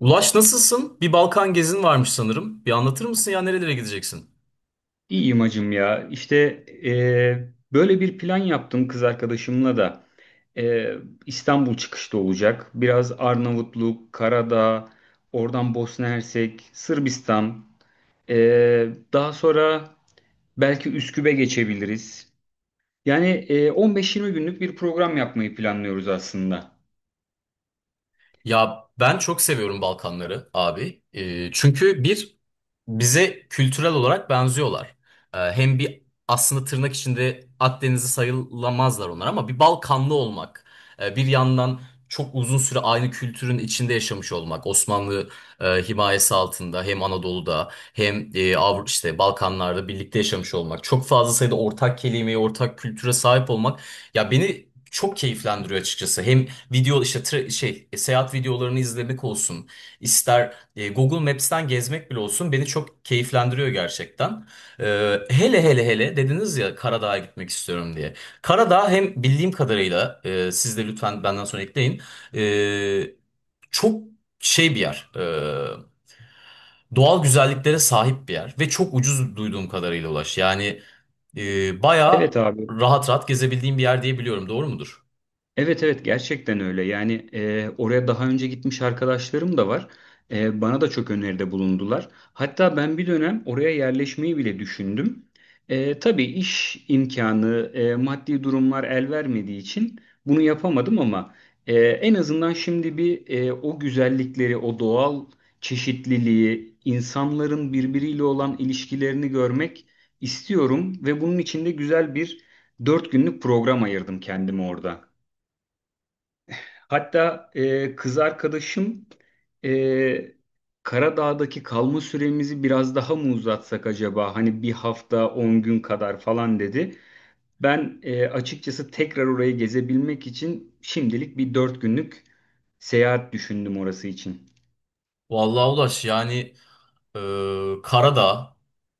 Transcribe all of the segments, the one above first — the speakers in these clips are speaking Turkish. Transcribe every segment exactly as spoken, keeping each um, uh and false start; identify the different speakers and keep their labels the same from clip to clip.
Speaker 1: Ulaş, nasılsın? Bir Balkan gezin varmış sanırım. Bir anlatır mısın ya nerelere gideceksin?
Speaker 2: İyiyim hacım ya. İşte eee, böyle bir plan yaptım kız arkadaşımla da. Eee, İstanbul çıkışta olacak. Biraz Arnavutluk, Karadağ, oradan Bosna Hersek, Sırbistan. Eee, daha sonra belki Üsküp'e geçebiliriz. Yani eee, on beş yirmi günlük bir program yapmayı planlıyoruz aslında.
Speaker 1: Ya ben çok seviyorum Balkanları abi. Ee, çünkü bir bize kültürel olarak benziyorlar. Ee, hem bir aslında tırnak içinde Akdenizli sayılamazlar onlar ama bir Balkanlı olmak, e, bir yandan çok uzun süre aynı kültürün içinde yaşamış olmak, Osmanlı e, himayesi altında hem Anadolu'da hem e, Avru işte Balkanlarda birlikte yaşamış olmak, çok fazla sayıda ortak kelimeye, ortak kültüre sahip olmak ya beni çok keyiflendiriyor açıkçası. Hem video işte tra- şey e, seyahat videolarını izlemek olsun, ister e, Google Maps'ten gezmek bile olsun beni çok keyiflendiriyor gerçekten. E, hele hele hele dediniz ya Karadağ'a gitmek istiyorum diye. Karadağ hem bildiğim kadarıyla e, siz de lütfen benden sonra ekleyin. e, Çok şey bir yer. E, doğal güzelliklere sahip bir yer ve çok ucuz duyduğum kadarıyla, Ulaş. Yani e, bayağı
Speaker 2: Evet abi.
Speaker 1: rahat rahat gezebildiğim bir yer diye biliyorum. Doğru mudur?
Speaker 2: Evet evet, gerçekten öyle. Yani e, oraya daha önce gitmiş arkadaşlarım da var. E, bana da çok öneride bulundular. Hatta ben bir dönem oraya yerleşmeyi bile düşündüm. E, tabii iş imkanı, e, maddi durumlar el vermediği için bunu yapamadım ama e, en azından şimdi bir e, o güzellikleri, o doğal çeşitliliği, insanların birbiriyle olan ilişkilerini görmek istiyorum ve bunun için de güzel bir dört günlük program ayırdım kendime orada. Hatta e, kız arkadaşım e, Karadağ'daki kalma süremizi biraz daha mı uzatsak acaba? Hani bir hafta on gün kadar falan dedi. Ben e, açıkçası tekrar orayı gezebilmek için şimdilik bir dört günlük seyahat düşündüm orası için.
Speaker 1: Vallahi Ulaş, yani Ee, Karadağ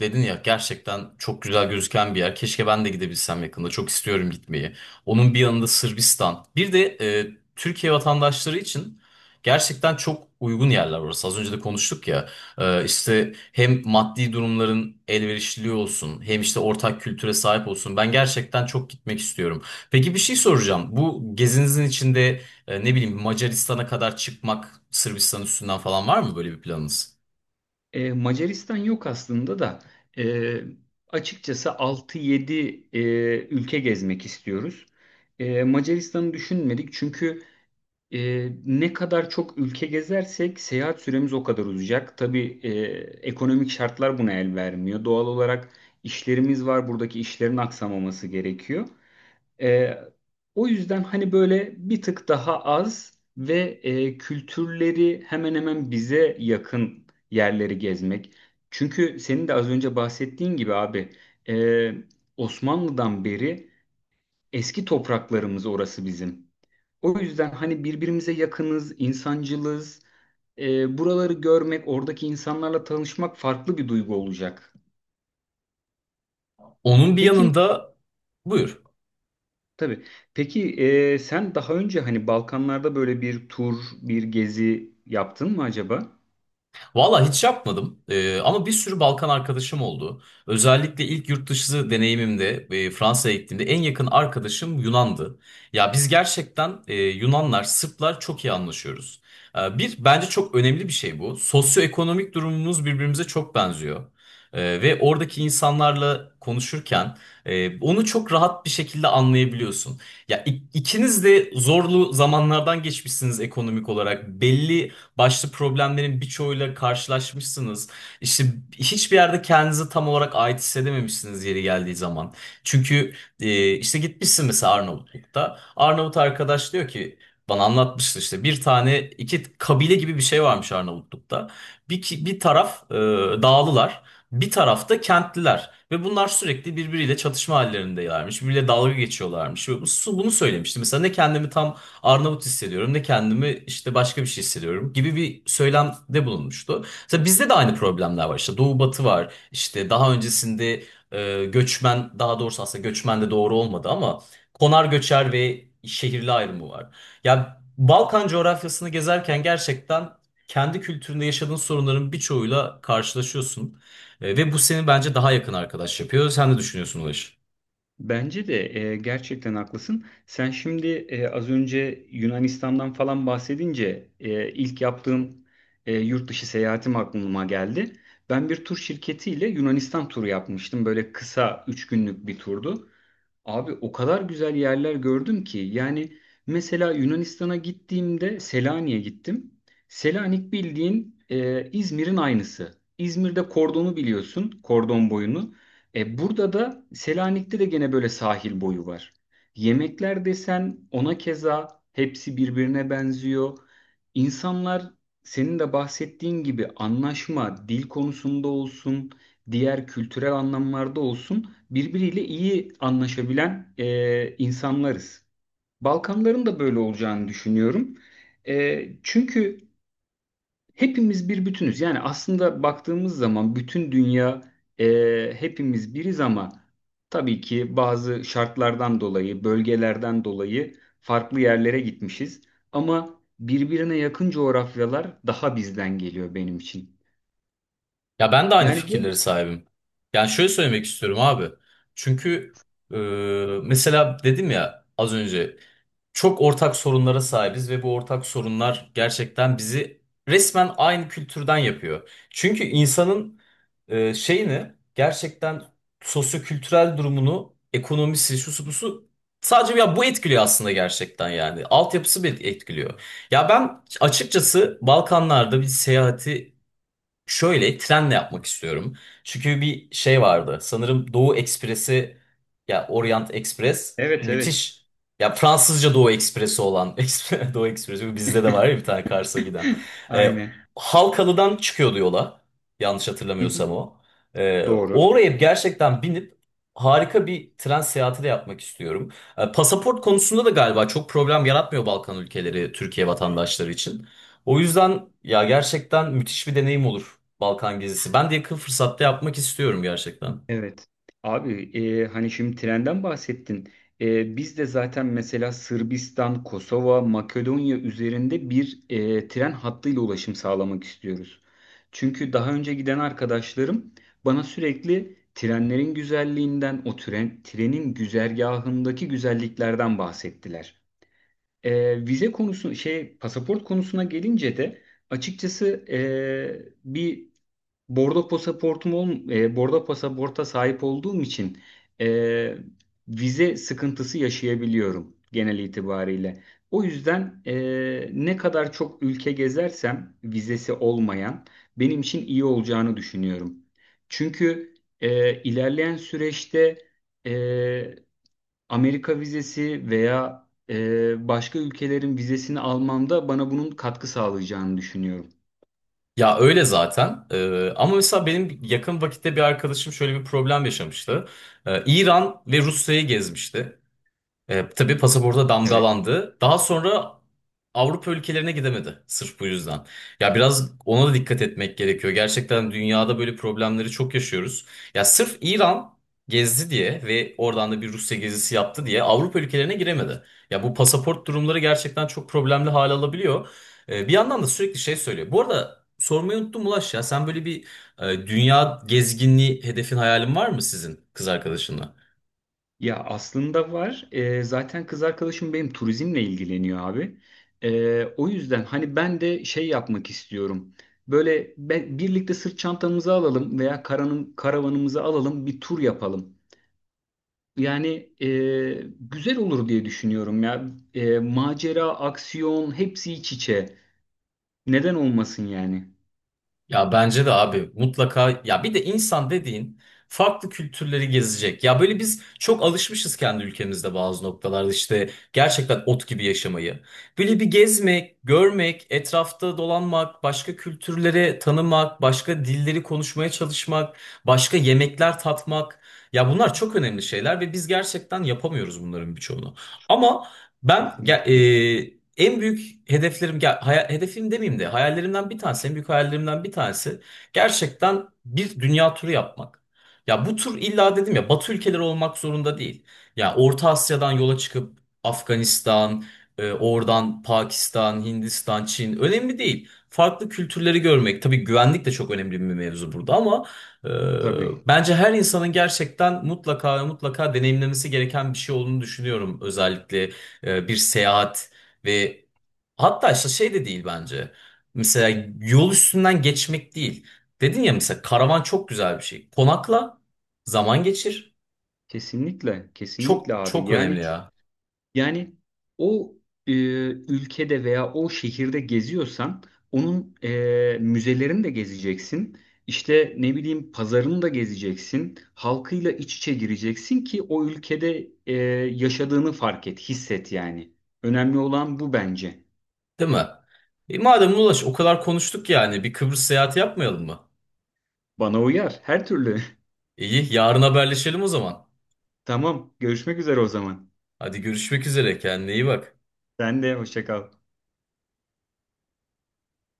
Speaker 1: dedin ya, gerçekten çok güzel gözüken bir yer. Keşke ben de gidebilsem yakında. Çok istiyorum gitmeyi. Onun bir yanında Sırbistan. Bir de e, Türkiye vatandaşları için gerçekten çok uygun yerler orası. Az önce de konuştuk ya. Ee, işte hem maddi durumların elverişliliği olsun, hem işte ortak kültüre sahip olsun. Ben gerçekten çok gitmek istiyorum. Peki bir şey soracağım. Bu gezinizin içinde e, ne bileyim Macaristan'a kadar çıkmak, Sırbistan üstünden falan var mı böyle bir planınız?
Speaker 2: E, Macaristan yok aslında da e, açıkçası altı yedi e, ülke gezmek istiyoruz. E, Macaristan'ı düşünmedik çünkü Ee, ne kadar çok ülke gezersek seyahat süremiz o kadar uzayacak. Tabii e, ekonomik şartlar buna el vermiyor. Doğal olarak işlerimiz var. Buradaki işlerin aksamaması gerekiyor. Ee, o yüzden hani böyle bir tık daha az ve e, kültürleri hemen hemen bize yakın yerleri gezmek. Çünkü senin de az önce bahsettiğin gibi abi e, Osmanlı'dan beri eski topraklarımız orası bizim. O yüzden hani birbirimize yakınız, insancılız. E, buraları görmek, oradaki insanlarla tanışmak farklı bir duygu olacak.
Speaker 1: Onun bir
Speaker 2: Peki,
Speaker 1: yanında buyur.
Speaker 2: tabii. Peki e, sen daha önce hani Balkanlarda böyle bir tur, bir gezi yaptın mı acaba?
Speaker 1: Valla hiç yapmadım. Ee, ama bir sürü Balkan arkadaşım oldu. Özellikle ilk yurt dışı deneyimimde e, Fransa'ya gittiğimde en yakın arkadaşım Yunan'dı. Ya biz gerçekten e, Yunanlar, Sırplar çok iyi anlaşıyoruz. Ee, bir bence çok önemli bir şey bu. Sosyoekonomik durumumuz birbirimize çok benziyor. Ee, ve oradaki insanlarla konuşurken e, onu çok rahat bir şekilde anlayabiliyorsun. Ya ik- ikiniz de zorlu zamanlardan geçmişsiniz ekonomik olarak. Belli başlı problemlerin birçoğuyla karşılaşmışsınız. İşte hiçbir yerde kendinizi tam olarak ait hissedememişsiniz yeri geldiği zaman. Çünkü e, işte gitmişsin mesela Arnavutluk'ta. Arnavut arkadaş diyor ki, bana anlatmıştı, işte bir tane iki kabile gibi bir şey varmış Arnavutluk'ta. Bir, ki- bir taraf e, dağlılar, bir tarafta kentliler. Ve bunlar sürekli birbiriyle çatışma hallerindeylermiş. Birbiriyle dalga geçiyorlarmış. Ve bu- bunu söylemişti. Mesela ne kendimi tam Arnavut hissediyorum ne kendimi işte başka bir şey hissediyorum gibi bir söylemde bulunmuştu. Mesela bizde de aynı problemler var. İşte Doğu Batı var. İşte daha öncesinde e, göçmen, daha doğrusu aslında göçmen de doğru olmadı ama konar göçer ve şehirli ayrımı var. Ya Balkan coğrafyasını gezerken gerçekten kendi kültüründe yaşadığın sorunların birçoğuyla karşılaşıyorsun. E, ve bu seni bence daha yakın arkadaş yapıyor. Sen ne düşünüyorsun Ulaş?
Speaker 2: Bence de e, gerçekten haklısın. Sen şimdi e, az önce Yunanistan'dan falan bahsedince e, ilk yaptığım e, yurt dışı seyahatim aklıma geldi. Ben bir tur şirketiyle Yunanistan turu yapmıştım. Böyle kısa üç günlük bir turdu. Abi o kadar güzel yerler gördüm ki, yani mesela Yunanistan'a gittiğimde Selanik'e gittim. Selanik bildiğin e, İzmir'in aynısı. İzmir'de kordonu biliyorsun, kordon boyunu. E, burada da Selanik'te de gene böyle sahil boyu var. Yemekler desen ona keza hepsi birbirine benziyor. İnsanlar, senin de bahsettiğin gibi anlaşma, dil konusunda olsun, diğer kültürel anlamlarda olsun birbiriyle iyi anlaşabilen e, insanlarız. Balkanların da böyle olacağını düşünüyorum. E, çünkü hepimiz bir bütünüz. Yani aslında baktığımız zaman bütün dünya, e, hepimiz biriz ama tabii ki bazı şartlardan dolayı, bölgelerden dolayı farklı yerlere gitmişiz. Ama birbirine yakın coğrafyalar daha bizden geliyor benim için.
Speaker 1: Ya ben de aynı
Speaker 2: Yani böyle.
Speaker 1: fikirleri sahibim. Yani şöyle söylemek istiyorum abi. Çünkü e, mesela dedim ya az önce çok ortak sorunlara sahibiz ve bu ortak sorunlar gerçekten bizi resmen aynı kültürden yapıyor. Çünkü insanın e, şeyini gerçekten sosyokültürel durumunu, ekonomisi, şusu busu sadece ya bu etkiliyor aslında gerçekten yani. Altyapısı bir etkiliyor. Ya ben açıkçası Balkanlarda bir seyahati şöyle trenle yapmak istiyorum. Çünkü bir şey vardı. Sanırım Doğu Ekspresi ya Orient Express
Speaker 2: Evet, evet.
Speaker 1: müthiş. Ya Fransızca Doğu Ekspresi olan Ekspre- Doğu Ekspresi bizde de var ya, bir tane Kars'a giden. Ee,
Speaker 2: Aynen.
Speaker 1: Halkalı'dan çıkıyordu yola. Yanlış hatırlamıyorsam o. Ee,
Speaker 2: Doğru.
Speaker 1: oraya gerçekten binip harika bir tren seyahati de yapmak istiyorum. Ee, pasaport konusunda da galiba çok problem yaratmıyor Balkan ülkeleri Türkiye vatandaşları için. O yüzden ya gerçekten müthiş bir deneyim olur Balkan gezisi. Ben de yakın fırsatta yapmak istiyorum gerçekten.
Speaker 2: Evet. Abi e, hani şimdi trenden bahsettin. E, biz de zaten mesela Sırbistan, Kosova, Makedonya üzerinde bir e, tren hattıyla ulaşım sağlamak istiyoruz. Çünkü daha önce giden arkadaşlarım bana sürekli trenlerin güzelliğinden, o tren, trenin güzergahındaki güzelliklerden bahsettiler. E, vize konusu, şey pasaport konusuna gelince de açıkçası e, bir Bordo pasaportum ol, e, bordo pasaporta sahip olduğum için e, vize sıkıntısı yaşayabiliyorum genel itibariyle. O yüzden e, ne kadar çok ülke gezersem vizesi olmayan, benim için iyi olacağını düşünüyorum. Çünkü e, ilerleyen süreçte e, Amerika vizesi veya e, başka ülkelerin vizesini almamda bana bunun katkı sağlayacağını düşünüyorum.
Speaker 1: Ya öyle zaten. Ee, ama mesela benim yakın vakitte bir arkadaşım şöyle bir problem yaşamıştı. Ee, İran ve Rusya'yı gezmişti. E, tabii pasaporta
Speaker 2: Evet.
Speaker 1: damgalandı. Daha sonra Avrupa ülkelerine gidemedi sırf bu yüzden. Ya biraz ona da dikkat etmek gerekiyor. Gerçekten dünyada böyle problemleri çok yaşıyoruz. Ya sırf İran gezdi diye ve oradan da bir Rusya gezisi yaptı diye Avrupa ülkelerine giremedi. Ya bu pasaport durumları gerçekten çok problemli hale alabiliyor. E, bir yandan da sürekli şey söylüyor. Bu arada sormayı unuttum, Ulaş, ya sen böyle bir e, dünya gezginliği hedefin, hayalin var mı sizin kız arkadaşınla?
Speaker 2: Ya, aslında var. Ee, zaten kız arkadaşım benim turizmle ilgileniyor abi. Ee, o yüzden hani ben de şey yapmak istiyorum. Böyle be- birlikte sırt çantamızı alalım veya karanın, karavanımızı alalım, bir tur yapalım. Yani e, güzel olur diye düşünüyorum ya. E, macera, aksiyon hepsi iç içe. Neden olmasın yani?
Speaker 1: Ya bence de abi mutlaka ya bir de insan dediğin farklı kültürleri gezecek. Ya böyle biz çok alışmışız kendi ülkemizde bazı noktalarda işte gerçekten ot gibi yaşamayı. Böyle bir gezmek, görmek, etrafta dolanmak, başka kültürleri tanımak, başka dilleri konuşmaya çalışmak, başka yemekler tatmak. Ya bunlar çok önemli şeyler ve biz gerçekten yapamıyoruz bunların birçoğunu. Ama ben ge-
Speaker 2: Kesinlikle.
Speaker 1: e, en büyük hedeflerim, ya haya- hedefim demeyeyim de hayallerimden bir tanesi, en büyük hayallerimden bir tanesi gerçekten bir dünya turu yapmak. Ya bu tur illa dedim ya Batı ülkeleri olmak zorunda değil. Ya Orta Asya'dan yola çıkıp Afganistan, e, oradan Pakistan, Hindistan, Çin, önemli değil. Farklı kültürleri görmek, tabii güvenlik de çok önemli bir mevzu burada, ama e,
Speaker 2: Tabii.
Speaker 1: bence her insanın gerçekten mutlaka ve mutlaka deneyimlemesi gereken bir şey olduğunu düşünüyorum. Özellikle e, bir seyahat. Ve hatta işte şey de değil bence. Mesela yol üstünden geçmek değil. Dedin ya mesela karavan çok güzel bir şey. Konakla, zaman geçir.
Speaker 2: Kesinlikle.
Speaker 1: Çok
Speaker 2: Kesinlikle abi.
Speaker 1: çok önemli
Speaker 2: Yani
Speaker 1: ya.
Speaker 2: Yani o e, ülkede veya o şehirde geziyorsan onun e, müzelerini de gezeceksin. İşte ne bileyim, pazarını da gezeceksin. Halkıyla iç içe gireceksin ki o ülkede e, yaşadığını fark et, hisset yani. Önemli olan bu bence.
Speaker 1: Değil mi? E madem Ulaş o kadar konuştuk, yani bir Kıbrıs seyahati yapmayalım mı?
Speaker 2: Bana uyar her türlü.
Speaker 1: İyi, yarın haberleşelim o zaman.
Speaker 2: Tamam, görüşmek üzere o zaman.
Speaker 1: Hadi, görüşmek üzere, kendine iyi bak.
Speaker 2: Sen de hoşça kal.